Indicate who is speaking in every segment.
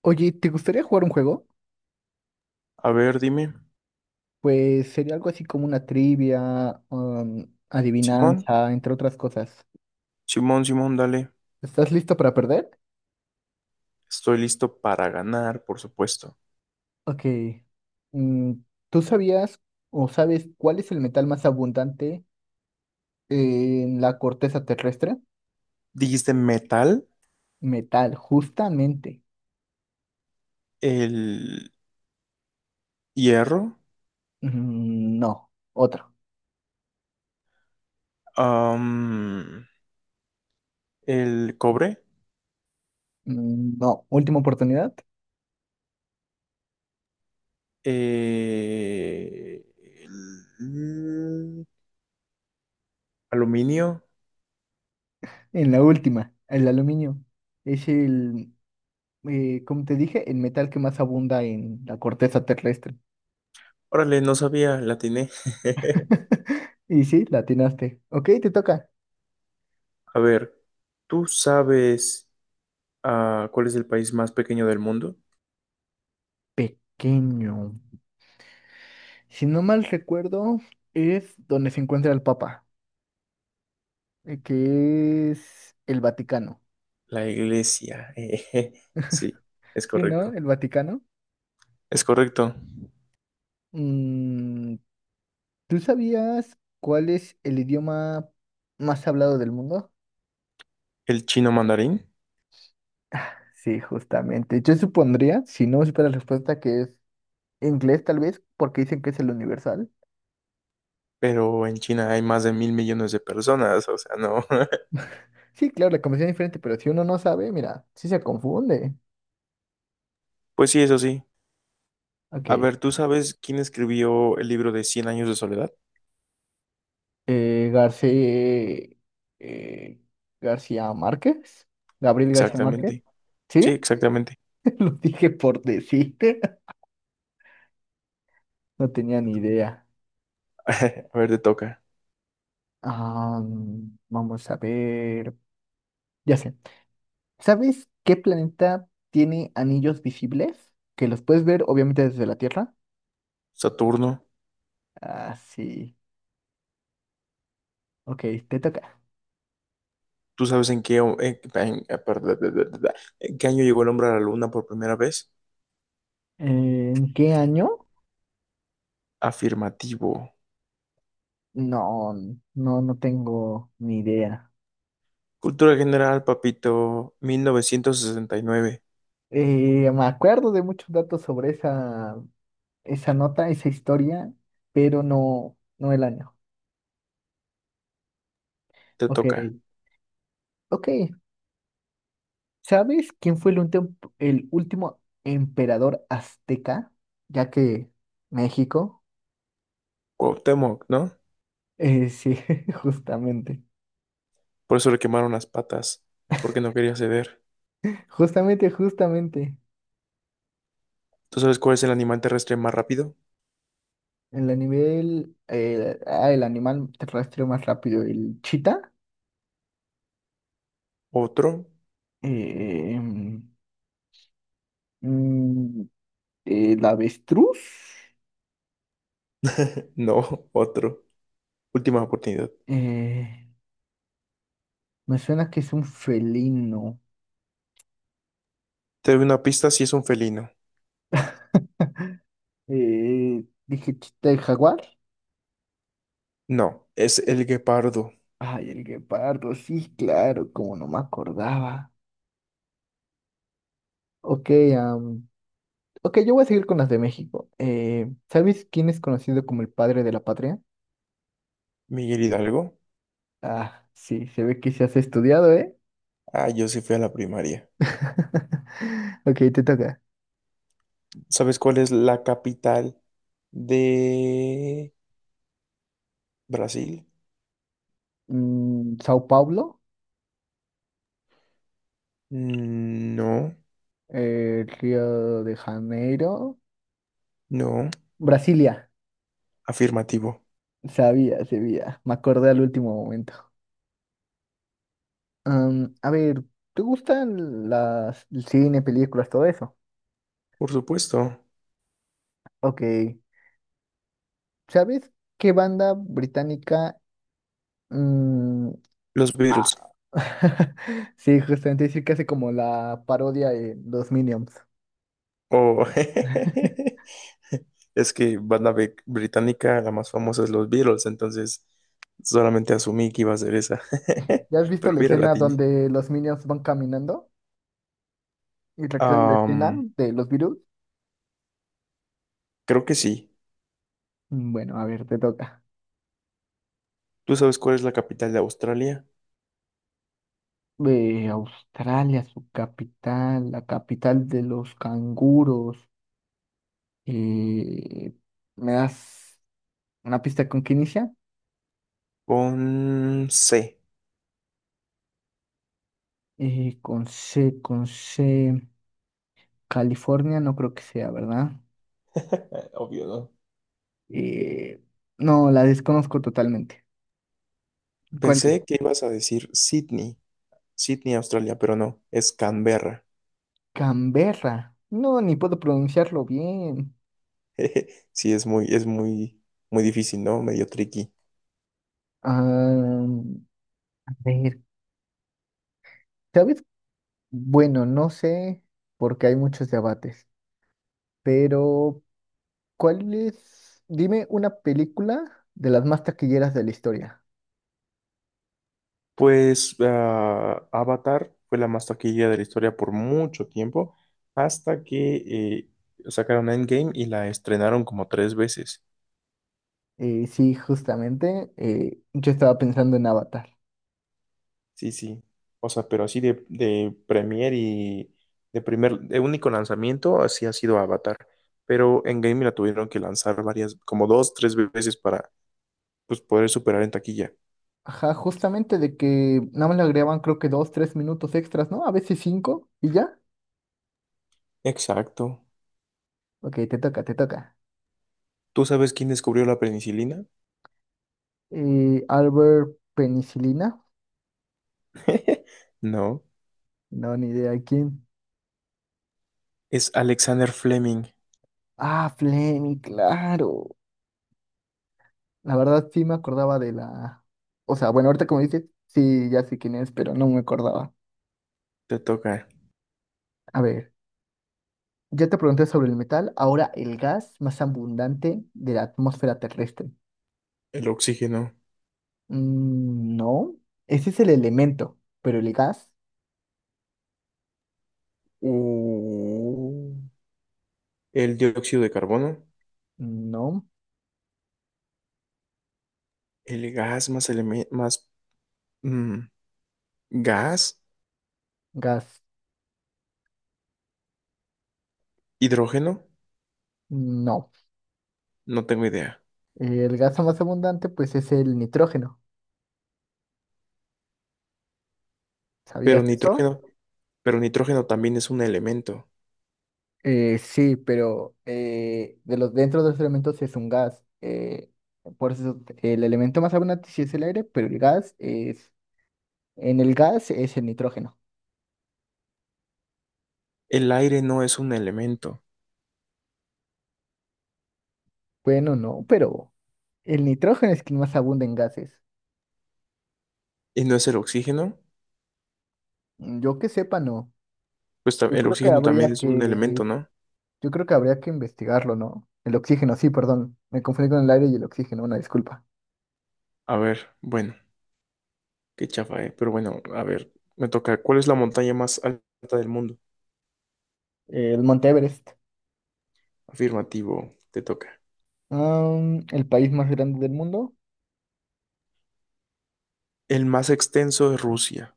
Speaker 1: Oye, ¿te gustaría jugar un juego?
Speaker 2: A ver, dime.
Speaker 1: Pues sería algo así como una trivia,
Speaker 2: Simón,
Speaker 1: adivinanza, entre otras cosas.
Speaker 2: Simón, Simón, dale.
Speaker 1: ¿Estás listo para perder?
Speaker 2: Estoy listo para ganar, por supuesto.
Speaker 1: Ok. Mm, ¿tú sabías o sabes cuál es el metal más abundante en la corteza terrestre?
Speaker 2: Dijiste metal,
Speaker 1: Metal, justamente.
Speaker 2: el hierro,
Speaker 1: Mm, no, otro.
Speaker 2: am, el cobre,
Speaker 1: Mm, no, última oportunidad.
Speaker 2: el aluminio.
Speaker 1: En la última, el aluminio. Es el, como te dije, el metal que más abunda en la corteza terrestre.
Speaker 2: Órale, no sabía, la atiné.
Speaker 1: Y sí, la atinaste. Ok, te toca.
Speaker 2: A ver, ¿tú sabes cuál es el país más pequeño del mundo?
Speaker 1: Pequeño. Si no mal recuerdo, es donde se encuentra el Papa, que es el Vaticano.
Speaker 2: La iglesia. Sí, es
Speaker 1: Sí, ¿no?
Speaker 2: correcto.
Speaker 1: El Vaticano.
Speaker 2: Es correcto.
Speaker 1: Mm, ¿tú sabías cuál es el idioma más hablado del mundo?
Speaker 2: ¿El chino mandarín?
Speaker 1: Sí, justamente. Yo supondría, si no supiera la respuesta, que es inglés tal vez, porque dicen que es el universal.
Speaker 2: Pero en China hay más de mil millones de personas, o sea, no.
Speaker 1: Sí, claro, la conversación es diferente, pero si uno no sabe, mira, sí se confunde.
Speaker 2: Pues sí, eso sí. A
Speaker 1: Ok.
Speaker 2: ver, ¿tú sabes quién escribió el libro de Cien años de soledad?
Speaker 1: García, eh, García Márquez, Gabriel García Márquez,
Speaker 2: Exactamente. Sí,
Speaker 1: ¿sí?
Speaker 2: exactamente.
Speaker 1: Lo dije por decirte, no tenía ni idea.
Speaker 2: A ver, te toca.
Speaker 1: Ah, vamos a ver, ya sé, ¿sabes qué planeta tiene anillos visibles? Que los puedes ver obviamente desde la Tierra.
Speaker 2: Saturno.
Speaker 1: Ah, sí, ok, te toca.
Speaker 2: ¿Tú sabes en qué, perdón, en qué año llegó el hombre a la luna por primera vez?
Speaker 1: ¿En qué año?
Speaker 2: Afirmativo.
Speaker 1: No, no, no tengo ni idea.
Speaker 2: Cultura general, papito. 1969.
Speaker 1: Me acuerdo de muchos datos sobre esa nota, esa historia, pero no, no el año.
Speaker 2: Te
Speaker 1: Ok,
Speaker 2: toca.
Speaker 1: ok. ¿Sabes quién fue el, el último emperador azteca? Ya que México.
Speaker 2: Cuauhtémoc, ¿no?
Speaker 1: Sí, justamente.
Speaker 2: Por eso le quemaron las patas, porque no quería ceder.
Speaker 1: Justamente, justamente.
Speaker 2: ¿Tú sabes cuál es el animal terrestre más rápido?
Speaker 1: El animal, el animal terrestre más rápido, el chita,
Speaker 2: ¿Otro?
Speaker 1: eh, mm, el avestruz.
Speaker 2: No, otro. Última oportunidad.
Speaker 1: eh, Me suena que es un felino.
Speaker 2: Te doy una pista si es un felino.
Speaker 1: Dije chita de jaguar.
Speaker 2: No, es el guepardo.
Speaker 1: Ay, el guepardo, sí, claro, como no me acordaba. Ok, am, ok, yo voy a seguir con las de México. ¿Sabes quién es conocido como el padre de la patria?
Speaker 2: Miguel Hidalgo.
Speaker 1: Ah, sí, se ve que se has estudiado, ¿eh?
Speaker 2: Ah, yo sí fui a la primaria.
Speaker 1: Ok, te toca.
Speaker 2: ¿Sabes cuál es la capital de Brasil?
Speaker 1: Mm, Sao Paulo,
Speaker 2: Mm, no,
Speaker 1: Río de Janeiro,
Speaker 2: no.
Speaker 1: Brasilia.
Speaker 2: Afirmativo.
Speaker 1: Sabía, sabía, me acordé al último momento. A ver, ¿te gustan las el cine, películas, todo eso?
Speaker 2: Por supuesto.
Speaker 1: Ok. ¿Sabes qué banda británica? mm,
Speaker 2: Los Beatles.
Speaker 1: Sí, justamente decir que hace como la parodia de los Minions.
Speaker 2: Oh. Es que banda británica, la más famosa es los Beatles, entonces solamente asumí que iba a ser esa.
Speaker 1: ¿Ya has visto
Speaker 2: Pero
Speaker 1: la
Speaker 2: mira, la
Speaker 1: escena
Speaker 2: tiene.
Speaker 1: donde los Minions van caminando y recrean la escena de los virus?
Speaker 2: Creo que sí.
Speaker 1: Bueno, a ver, te toca.
Speaker 2: ¿Tú sabes cuál es la capital de Australia?
Speaker 1: De Australia, su capital, la capital de los canguros. eh, Me das. Una pista con qué inicia.
Speaker 2: Con C.
Speaker 1: Con C. California, no creo que sea, ¿verdad?
Speaker 2: Obvio, ¿no?
Speaker 1: Eh, no, la desconozco totalmente. ¿Cuál es?
Speaker 2: Pensé que ibas a decir Sydney, Sydney, Australia, pero no, es Canberra.
Speaker 1: Canberra. No, ni puedo pronunciarlo bien.
Speaker 2: Sí, es muy, muy difícil, ¿no? Medio tricky.
Speaker 1: Ah, a ver, ¿sabes? Bueno, no sé, porque hay muchos debates, pero ¿cuál es? Dime una película de las más taquilleras de la historia.
Speaker 2: Pues Avatar fue la más taquilla de la historia por mucho tiempo, hasta que sacaron Endgame y la estrenaron como tres veces.
Speaker 1: Sí, justamente, yo estaba pensando en Avatar.
Speaker 2: Sí, sí. O sea, pero así de premier y de único lanzamiento, así ha sido Avatar. Pero Endgame la tuvieron que lanzar varias, como dos, tres veces para pues, poder superar en taquilla.
Speaker 1: Ajá, justamente de que nada más le agregaban creo que dos, tres minutos extras, ¿no? A veces cinco y ya.
Speaker 2: Exacto.
Speaker 1: Ok, te toca, te toca.
Speaker 2: ¿Tú sabes quién descubrió la penicilina?
Speaker 1: Albert Penicilina.
Speaker 2: No,
Speaker 1: No, ni idea quién.
Speaker 2: es Alexander Fleming.
Speaker 1: Ah, Fleming, claro. La verdad sí me acordaba de la... O sea, bueno, ahorita como dices, sí, ya sé quién es, pero no me acordaba.
Speaker 2: Te toca.
Speaker 1: A ver, ya te pregunté sobre el metal, ahora el gas más abundante de la atmósfera terrestre.
Speaker 2: El oxígeno,
Speaker 1: Mm, no, ese es el elemento, pero el gas,
Speaker 2: u- el dióxido de carbono,
Speaker 1: no.
Speaker 2: el gas más, mm, gas,
Speaker 1: Gas,
Speaker 2: hidrógeno,
Speaker 1: no.
Speaker 2: no tengo idea.
Speaker 1: El gas más abundante, pues, es el nitrógeno.
Speaker 2: Pero
Speaker 1: ¿Sabías eso?
Speaker 2: nitrógeno, pero nitrógeno también es un elemento.
Speaker 1: Sí, pero de los, dentro de los elementos es un gas. Por eso el elemento más abundante sí es el aire, pero el gas es... En el gas es el nitrógeno.
Speaker 2: El aire no es un elemento.
Speaker 1: Bueno, no, pero el nitrógeno es quien más abunda en gases.
Speaker 2: ¿Y no es el oxígeno?
Speaker 1: Mm, yo que sepa, no.
Speaker 2: Pues
Speaker 1: Yo
Speaker 2: el
Speaker 1: creo que
Speaker 2: oxígeno también
Speaker 1: habría
Speaker 2: es un elemento,
Speaker 1: que...
Speaker 2: ¿no?
Speaker 1: Yo creo que habría que investigarlo, ¿no? El oxígeno, sí, perdón. Me confundí con el aire y el oxígeno, una disculpa.
Speaker 2: A ver, bueno, qué chafa, ¿eh? Pero bueno, a ver, me toca. ¿Cuál es la montaña más alta del mundo?
Speaker 1: El Monte Everest.
Speaker 2: Afirmativo, te toca.
Speaker 1: El país más grande del mundo.
Speaker 2: El más extenso es Rusia.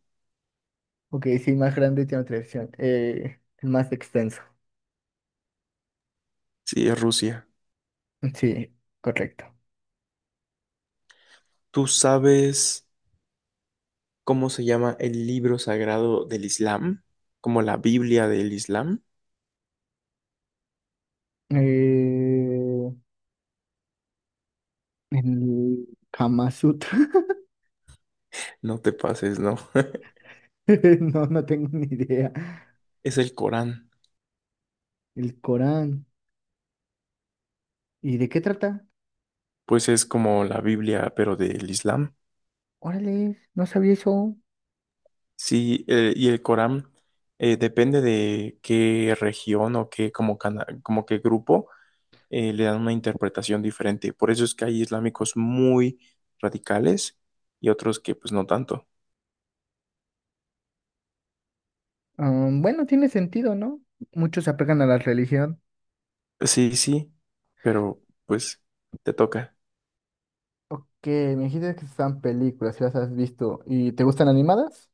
Speaker 1: Ok, sí, más grande tiene otra opción. El más extenso.
Speaker 2: Sí, es Rusia.
Speaker 1: Sí, correcto.
Speaker 2: ¿Tú sabes cómo se llama el libro sagrado del Islam? Como la Biblia del Islam.
Speaker 1: Eh, el Kama Sutra.
Speaker 2: No te pases, ¿no?
Speaker 1: No, no tengo ni idea.
Speaker 2: Es el Corán.
Speaker 1: El Corán. ¿Y de qué trata?
Speaker 2: Pues es como la Biblia, pero del Islam.
Speaker 1: Órale, no sabía eso.
Speaker 2: Sí, y el Corán depende de qué región o qué, como, como qué grupo, le dan una interpretación diferente. Por eso es que hay islámicos muy radicales y otros que pues no tanto.
Speaker 1: Bueno, tiene sentido, ¿no? Muchos se apegan a la religión.
Speaker 2: Sí, sí, pero pues te toca.
Speaker 1: Ok, me dijiste que están películas, si las has visto. ¿Y te gustan animadas?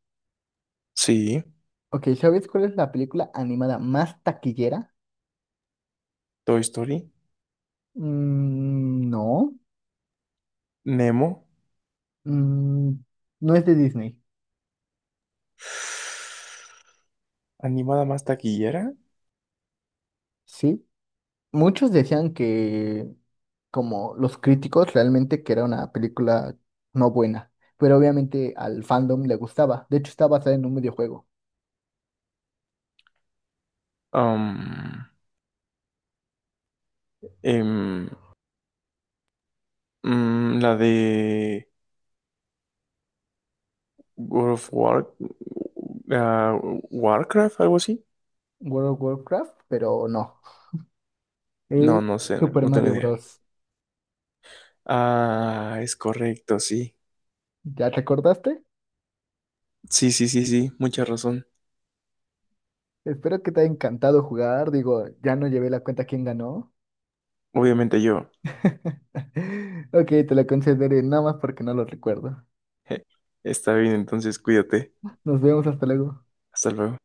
Speaker 2: Sí.
Speaker 1: Ok, ¿sabes cuál es la película animada más taquillera?
Speaker 2: Toy Story,
Speaker 1: Mm, no,
Speaker 2: Nemo,
Speaker 1: mm, no es de Disney,
Speaker 2: animada más taquillera,
Speaker 1: ¿sí? Muchos decían que, como los críticos, realmente que era una película no buena, pero obviamente al fandom le gustaba. De hecho, está basada en un videojuego,
Speaker 2: am, em, la de World of War, ah, Warcraft, algo así.
Speaker 1: World of Warcraft, pero no.
Speaker 2: No,
Speaker 1: Es
Speaker 2: no sé,
Speaker 1: Super
Speaker 2: no tengo
Speaker 1: Mario
Speaker 2: idea.
Speaker 1: Bros.
Speaker 2: Ah, es correcto, sí.
Speaker 1: ¿Ya te acordaste?
Speaker 2: Sí, sí, sí, sí, mucha razón.
Speaker 1: Espero que te haya encantado jugar. Digo, ya no llevé la cuenta quién ganó.
Speaker 2: Obviamente yo.
Speaker 1: Ok, te la concederé nada más porque no lo recuerdo.
Speaker 2: Está bien, entonces cuídate.
Speaker 1: Nos vemos hasta luego.
Speaker 2: Hasta luego.